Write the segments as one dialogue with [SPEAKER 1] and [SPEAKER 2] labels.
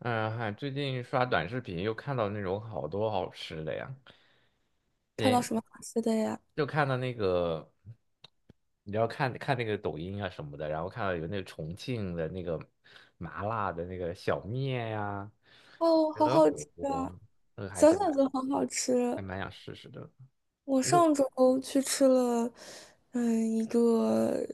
[SPEAKER 1] 嗯，最近刷短视频又看到那种好多好吃的呀，
[SPEAKER 2] 看到
[SPEAKER 1] 也
[SPEAKER 2] 什么好吃的呀？
[SPEAKER 1] 就看到那个，你要看看那个抖音啊什么的，然后看到有那个重庆的那个麻辣的那个小面呀、
[SPEAKER 2] 哦，好
[SPEAKER 1] 鹅
[SPEAKER 2] 好
[SPEAKER 1] 火
[SPEAKER 2] 吃
[SPEAKER 1] 锅，
[SPEAKER 2] 啊！
[SPEAKER 1] 那个
[SPEAKER 2] 想想就很好吃。
[SPEAKER 1] 还蛮想试试的。
[SPEAKER 2] 我上周去吃了，一个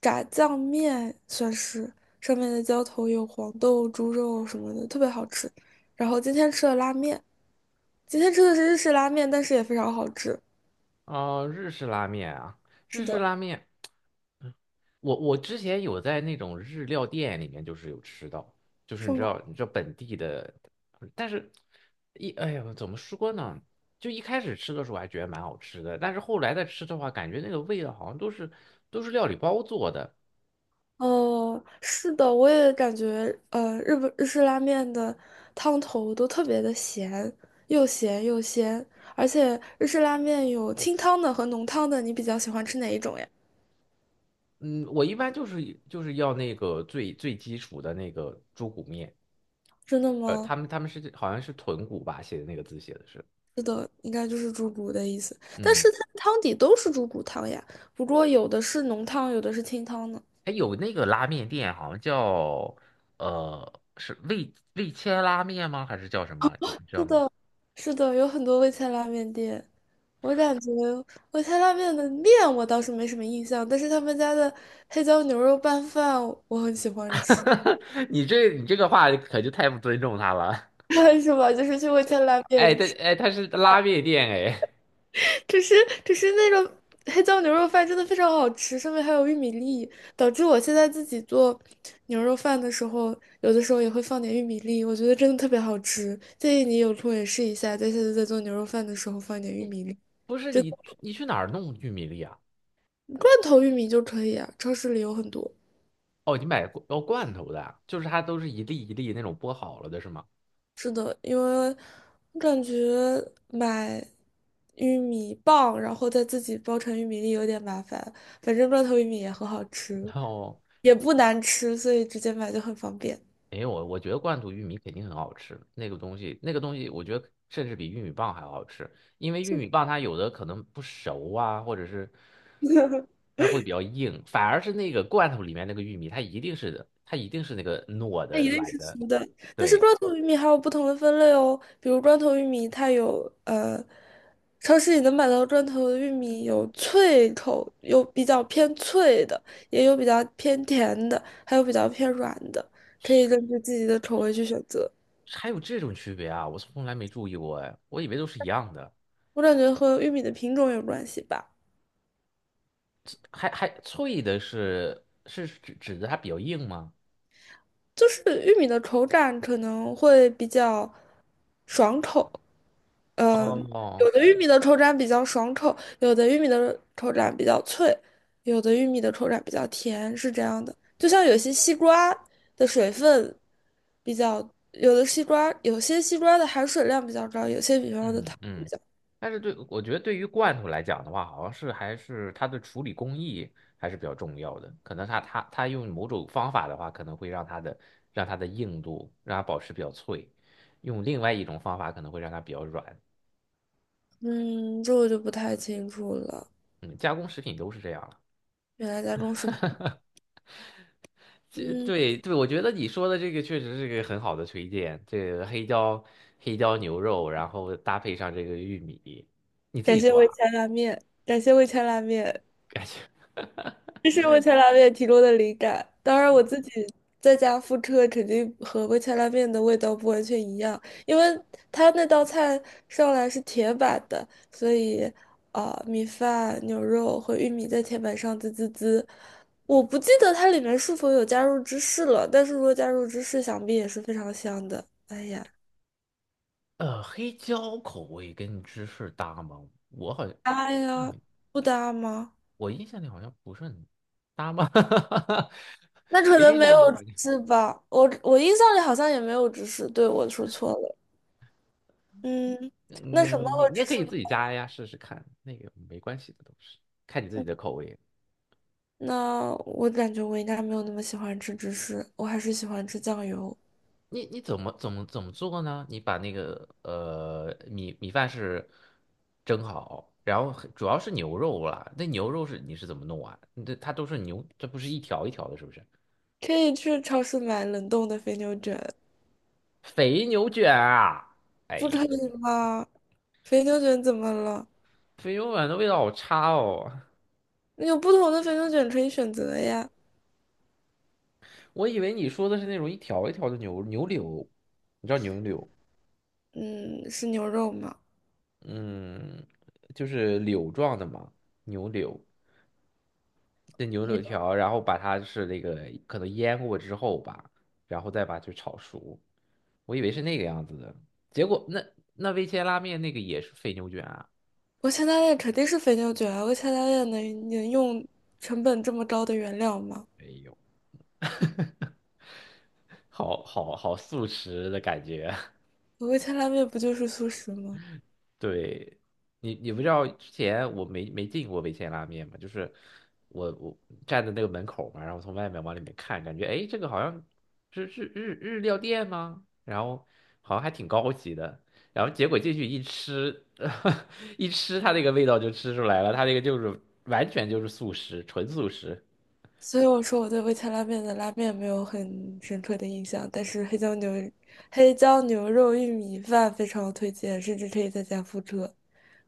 [SPEAKER 2] 炸酱面，算是上面的浇头有黄豆、猪肉什么的，特别好吃。然后今天吃了拉面，今天吃的是日式拉面，但是也非常好吃。
[SPEAKER 1] 哦，日式拉面啊，
[SPEAKER 2] 是
[SPEAKER 1] 日式
[SPEAKER 2] 的，
[SPEAKER 1] 拉面。嗯我之前有在那种日料店里面，就是有吃到，就是
[SPEAKER 2] 是
[SPEAKER 1] 你知
[SPEAKER 2] 吗？
[SPEAKER 1] 道，你知道本地的，但是哎呀，怎么说呢？就一开始吃的时候还觉得蛮好吃的，但是后来再吃的话，感觉那个味道好像都是料理包做的。
[SPEAKER 2] 哦，是的，我也感觉，日式拉面的汤头都特别的咸，又咸又鲜，而且日式拉面有清汤的和浓汤的，你比较喜欢吃哪一种呀？
[SPEAKER 1] 嗯，我一般就是要那个最最基础的那个猪骨面，
[SPEAKER 2] 真的
[SPEAKER 1] 他
[SPEAKER 2] 吗？
[SPEAKER 1] 们他们是好像是豚骨吧，写的那个字写的是，
[SPEAKER 2] 是的，应该就是猪骨的意思，但
[SPEAKER 1] 嗯。
[SPEAKER 2] 是它的汤底都是猪骨汤呀，不过有的是浓汤，有的是清汤呢。
[SPEAKER 1] 哎，有那个拉面店，好像叫是味千拉面吗？还是叫什么？你知道
[SPEAKER 2] 是
[SPEAKER 1] 吗？
[SPEAKER 2] 的，是的，有很多味千拉面店。我感觉味千拉面的面我倒是没什么印象，但是他们家的黑椒牛肉拌饭我很喜欢吃，
[SPEAKER 1] 你这个话可就太不尊重他了。
[SPEAKER 2] 是吧？就是去味千拉
[SPEAKER 1] 哎，
[SPEAKER 2] 面吃，
[SPEAKER 1] 他是拉面店哎，
[SPEAKER 2] 只是只是那种黑椒牛肉饭真的非常好吃，上面还有玉米粒，导致我现在自己做牛肉饭的时候，有的时候也会放点玉米粒，我觉得真的特别好吃。建议你有空也试一下，在下次在做牛肉饭的时候放一点玉米粒。
[SPEAKER 1] 不是你去哪儿弄玉米粒啊？
[SPEAKER 2] 罐头玉米就可以啊，超市里有很多。
[SPEAKER 1] 哦，你买罐头的啊，就是它都是一粒一粒那种剥好了的是吗？
[SPEAKER 2] 是的，因为我感觉买玉米棒，然后再自己包成玉米粒有点麻烦。反正罐头玉米也很好
[SPEAKER 1] 然
[SPEAKER 2] 吃，
[SPEAKER 1] 后
[SPEAKER 2] 也不难吃，所以直接买就很方便。
[SPEAKER 1] 没有，我觉得罐头玉米肯定很好吃，那个东西我觉得甚至比玉米棒还好吃，因为玉米棒它有的可能不熟啊，或者是。它会比较硬，反而是那个罐头里面那个玉米，它一定是那个糯
[SPEAKER 2] 它
[SPEAKER 1] 的
[SPEAKER 2] 一定
[SPEAKER 1] 软
[SPEAKER 2] 是
[SPEAKER 1] 的。
[SPEAKER 2] 熟的，但是
[SPEAKER 1] 对，
[SPEAKER 2] 砖头玉米还有不同的分类哦，比如砖头玉米，超市里能买到砖罐头玉米有脆口，有比较偏脆的，也有比较偏甜的，还有比较偏软的，可以根据自己的口味去选择。
[SPEAKER 1] 还有这种区别啊，我从来没注意过哎，我以为都是一样的，
[SPEAKER 2] 我感觉和玉米的品种有关系吧，
[SPEAKER 1] 还脆的是指的它比较硬吗？
[SPEAKER 2] 就是玉米的口感可能会比较爽口，呃，
[SPEAKER 1] 哦，
[SPEAKER 2] 有的玉米的口感比较爽口，有的玉米的口感比较脆，有的玉米的口感比较甜，是这样的。就像有些西瓜的水分比较，有的西瓜，有些西瓜的含水量比较高，有些比方的
[SPEAKER 1] 嗯
[SPEAKER 2] 糖，
[SPEAKER 1] 嗯，但是对，我觉得对于罐头来讲的话，好像是还是它的处理工艺还是比较重要的。可能它用某种方法的话，可能会让让它的硬度让它保持比较脆；用另外一种方法可能会让它比较软。
[SPEAKER 2] 嗯，这我就不太清楚了。
[SPEAKER 1] 嗯，加工食品都是这样了。
[SPEAKER 2] 原来家中是，嗯，
[SPEAKER 1] 对对，我觉得你说的这个确实是个很好的推荐。这个黑椒牛肉，然后搭配上这个玉米，你自
[SPEAKER 2] 感
[SPEAKER 1] 己
[SPEAKER 2] 谢
[SPEAKER 1] 做
[SPEAKER 2] 味
[SPEAKER 1] 啊？
[SPEAKER 2] 千拉面，感谢味千拉面。
[SPEAKER 1] 感觉。
[SPEAKER 2] 这是味千拉面提供的灵感。当然，我自己在家复刻肯定和味千拉面的味道不完全一样，因为它那道菜上来是铁板的，所以啊、米饭、牛肉和玉米在铁板上滋滋滋。我不记得它里面是否有加入芝士了，但是如果加入芝士，想必也是非常香的。哎呀，
[SPEAKER 1] 呃，黑椒口味跟芝士搭吗？我好像
[SPEAKER 2] 搭
[SPEAKER 1] 让
[SPEAKER 2] 呀，
[SPEAKER 1] 你，
[SPEAKER 2] 不搭吗？
[SPEAKER 1] 我印象里好像不是很搭吗？
[SPEAKER 2] 那可
[SPEAKER 1] 我
[SPEAKER 2] 能
[SPEAKER 1] 印
[SPEAKER 2] 没有
[SPEAKER 1] 象里好像，
[SPEAKER 2] 芝士吧，我印象里好像也没有芝士，对，我说错了。嗯，那
[SPEAKER 1] 嗯，
[SPEAKER 2] 什么
[SPEAKER 1] 你
[SPEAKER 2] 和
[SPEAKER 1] 你
[SPEAKER 2] 芝
[SPEAKER 1] 也可以
[SPEAKER 2] 士呢
[SPEAKER 1] 自己加呀，试试看，那个没关系的，都是看你自己的
[SPEAKER 2] 嗯
[SPEAKER 1] 口味。
[SPEAKER 2] 那我感觉我应该没有那么喜欢吃芝士，我还是喜欢吃酱油。
[SPEAKER 1] 你怎么做呢？你把那个米饭是蒸好，然后主要是牛肉啦，那牛肉是怎么弄啊？这它都是牛，这不是一条一条的，是不是？
[SPEAKER 2] 可以去超市买冷冻的肥牛卷，
[SPEAKER 1] 肥牛卷啊！哎
[SPEAKER 2] 不可
[SPEAKER 1] 呦。
[SPEAKER 2] 以吗？肥牛卷怎么了？
[SPEAKER 1] 肥牛丸的味道好差哦，
[SPEAKER 2] 有不同的肥牛卷可以选择呀。
[SPEAKER 1] 我以为你说的是那种一条一条的牛柳，你知道牛柳，
[SPEAKER 2] 嗯，是牛肉吗？
[SPEAKER 1] 嗯，就是柳状的嘛，牛柳，那牛柳条，然后把它是那个可能腌过之后吧，然后再把它炒熟，我以为是那个样子的，结果那味千拉面那个也是肥牛卷啊，
[SPEAKER 2] 我前大练肯定是肥牛卷啊，我前大练能用成本这么高的原料吗？
[SPEAKER 1] 没有，好好好素食的感觉。
[SPEAKER 2] 我味千拉面不就是素食吗？
[SPEAKER 1] 对，你不知道之前我没进过味千拉面嘛，就是我站在那个门口嘛，然后从外面往里面看，感觉哎，诶这个好像是日料店吗？然后好像还挺高级的，然后结果进去一吃，一吃它那个味道就吃出来了，它那个就是完全就是素食，纯素食。
[SPEAKER 2] 所以我说我对味千拉面的拉面没有很深刻的印象，但是黑椒牛肉玉米饭非常推荐，甚至可以在家复刻。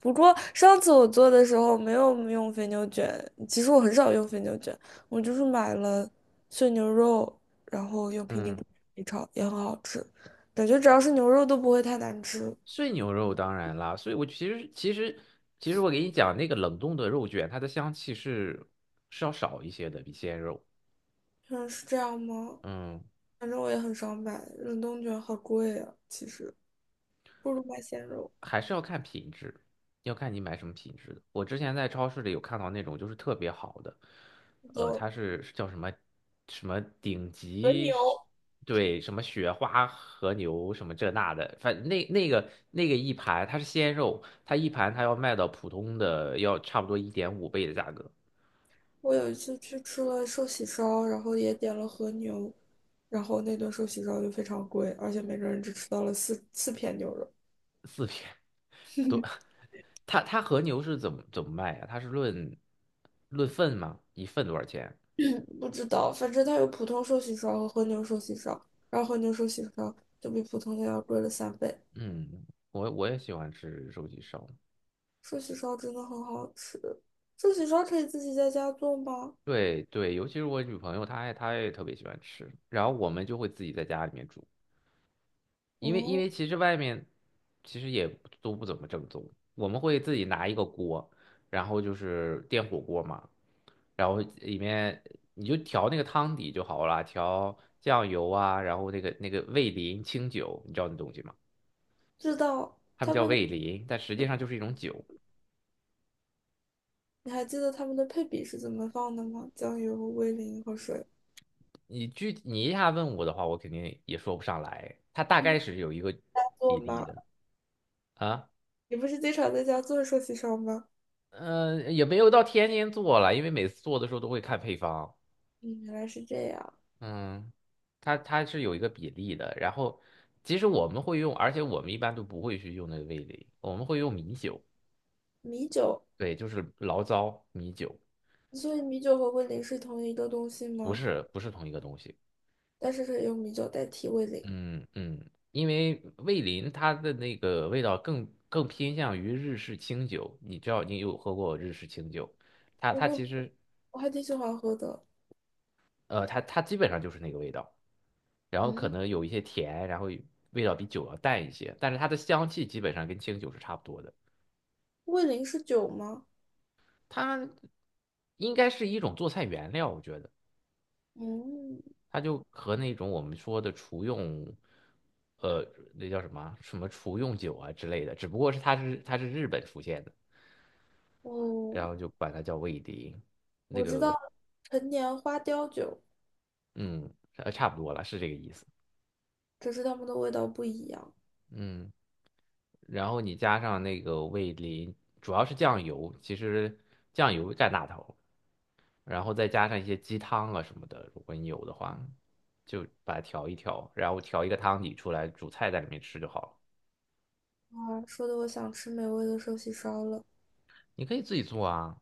[SPEAKER 2] 不过上次我做的时候没有用肥牛卷，其实我很少用肥牛卷，我就是买了碎牛肉，然后用平底锅
[SPEAKER 1] 嗯，
[SPEAKER 2] 一炒，也很好吃。感觉只要是牛肉都不会太难吃。
[SPEAKER 1] 碎牛肉当然啦，所以我其实我给你讲那个冷冻的肉卷，它的香气是要少一些的，比鲜肉。
[SPEAKER 2] 嗯，是这样吗？
[SPEAKER 1] 嗯，
[SPEAKER 2] 反正我也很少买，冷冻卷好贵啊，其实不如买鲜肉。
[SPEAKER 1] 还是要看品质，要看你买什么品质的。我之前在超市里有看到那种就是特别好的，
[SPEAKER 2] 走，
[SPEAKER 1] 它是叫什么什么顶
[SPEAKER 2] 和
[SPEAKER 1] 级，
[SPEAKER 2] 牛。
[SPEAKER 1] 对，什么雪花和牛什么这那的，反正那个一盘它是鲜肉，它一盘它要卖到普通的要差不多1.5倍的价格，
[SPEAKER 2] 我有一次去吃了寿喜烧，然后也点了和牛，然后那顿寿喜烧就非常贵，而且每个人只吃到了四片牛肉。
[SPEAKER 1] 都，它和牛是怎么卖呀、它是论份吗？一份多少钱？
[SPEAKER 2] 嗯不知道，反正它有普通寿喜烧和和牛寿喜烧，然后和牛寿喜烧就比普通的要贵了三倍。
[SPEAKER 1] 嗯，我也喜欢吃寿喜烧。
[SPEAKER 2] 寿喜烧真的很好吃，寿喜烧可以自己在家做吗？
[SPEAKER 1] 对对，尤其是我女朋友，她也特别喜欢吃，然后我们就会自己在家里面煮，因
[SPEAKER 2] 哦，
[SPEAKER 1] 为其实外面其实也都不怎么正宗，我们会自己拿一个锅，然后就是电火锅嘛，然后里面你就调那个汤底就好了，调酱油啊，然后那个味淋清酒，你知道那东西吗？
[SPEAKER 2] 知道，
[SPEAKER 1] 他们
[SPEAKER 2] 他
[SPEAKER 1] 叫
[SPEAKER 2] 们的，
[SPEAKER 1] 味淋，但实际上就是一种酒。
[SPEAKER 2] 你还记得他们的配比是怎么放的吗？酱油、味淋和水
[SPEAKER 1] 你一下问我的话，我肯定也说不上来，它大概是有一个
[SPEAKER 2] 做
[SPEAKER 1] 比例
[SPEAKER 2] 吗？
[SPEAKER 1] 的啊。
[SPEAKER 2] 你不是经常在家做寿喜烧吗？
[SPEAKER 1] 嗯，也没有到天天做了，因为每次做的时候都会看配方。
[SPEAKER 2] 嗯，原来是这样。
[SPEAKER 1] 嗯，它是有一个比例的。然后，其实我们会用，而且我们一般都不会去用那个味蕾，我们会用米酒。
[SPEAKER 2] 米酒，
[SPEAKER 1] 对，就是醪糟米酒，
[SPEAKER 2] 所以米酒和味淋是同一个东西
[SPEAKER 1] 不
[SPEAKER 2] 吗？
[SPEAKER 1] 是，不是同一个东西。
[SPEAKER 2] 但是可以用米酒代替味淋。
[SPEAKER 1] 嗯嗯，因为味淋它的那个味道更偏向于日式清酒，你知道你有喝过日式清酒，它
[SPEAKER 2] 我
[SPEAKER 1] 它
[SPEAKER 2] 喝，
[SPEAKER 1] 其实
[SPEAKER 2] 我还挺喜欢喝的。
[SPEAKER 1] 它基本上就是那个味道。然后可
[SPEAKER 2] 嗯，
[SPEAKER 1] 能有一些甜，然后味道比酒要淡一些，但是它的香气基本上跟清酒是差不多的。
[SPEAKER 2] 味淋是酒吗？
[SPEAKER 1] 它应该是一种做菜原料，我觉得
[SPEAKER 2] 嗯，
[SPEAKER 1] 它就和那种我们说的厨用，呃，那叫什么啊什么厨用酒啊之类的，只不过是它是日本出现的，然
[SPEAKER 2] 哦，
[SPEAKER 1] 后就管它叫味淋，
[SPEAKER 2] 我知道陈年花雕酒，
[SPEAKER 1] 嗯，差不多了，是这个意思，
[SPEAKER 2] 只是它们的味道不一样。
[SPEAKER 1] 嗯。然后你加上那个味淋，主要是酱油，其实酱油占大头。然后再加上一些鸡汤啊什么的，如果你有的话，就把它调一调，然后调一个汤底出来，煮菜在里面吃就好了。
[SPEAKER 2] 啊，说的我想吃美味的寿喜烧了，
[SPEAKER 1] 你可以自己做啊。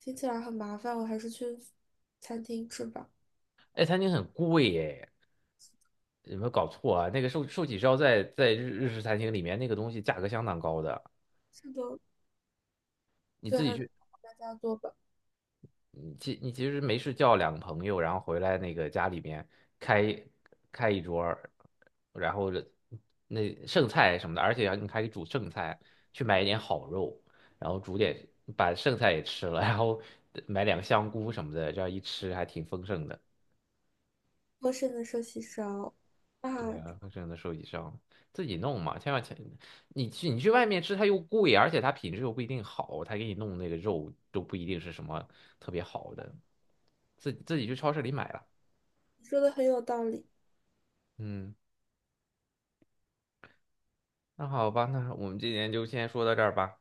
[SPEAKER 2] 听起来很麻烦，我还是去餐厅吃吧。
[SPEAKER 1] 哎，餐厅很贵耶，有没有搞错啊？那个寿喜烧在日式餐厅里面那个东西价格相当高的，
[SPEAKER 2] 是的，
[SPEAKER 1] 你
[SPEAKER 2] 所以
[SPEAKER 1] 自
[SPEAKER 2] 还
[SPEAKER 1] 己
[SPEAKER 2] 是
[SPEAKER 1] 去
[SPEAKER 2] 大家做吧。
[SPEAKER 1] 你其你其实没事叫两个朋友，然后回来那个家里面开开一桌儿，然后那剩菜什么的，而且你还可以煮剩菜，去买一点好肉，然后煮点把剩菜也吃了，然后买两个香菇什么的，这样一吃还挺丰盛的。
[SPEAKER 2] 丰盛的寿喜烧啊，
[SPEAKER 1] 对啊，丰盛的寿喜上自己弄嘛，千万，你去外面吃它又贵，而且它品质又不一定好，它给你弄那个肉都不一定是什么特别好的，自己去超市里买了。
[SPEAKER 2] 你说的很有道理。
[SPEAKER 1] 嗯，那好吧，那我们今天就先说到这儿吧。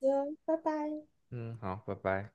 [SPEAKER 2] 好的拜拜。
[SPEAKER 1] 嗯，好，拜拜。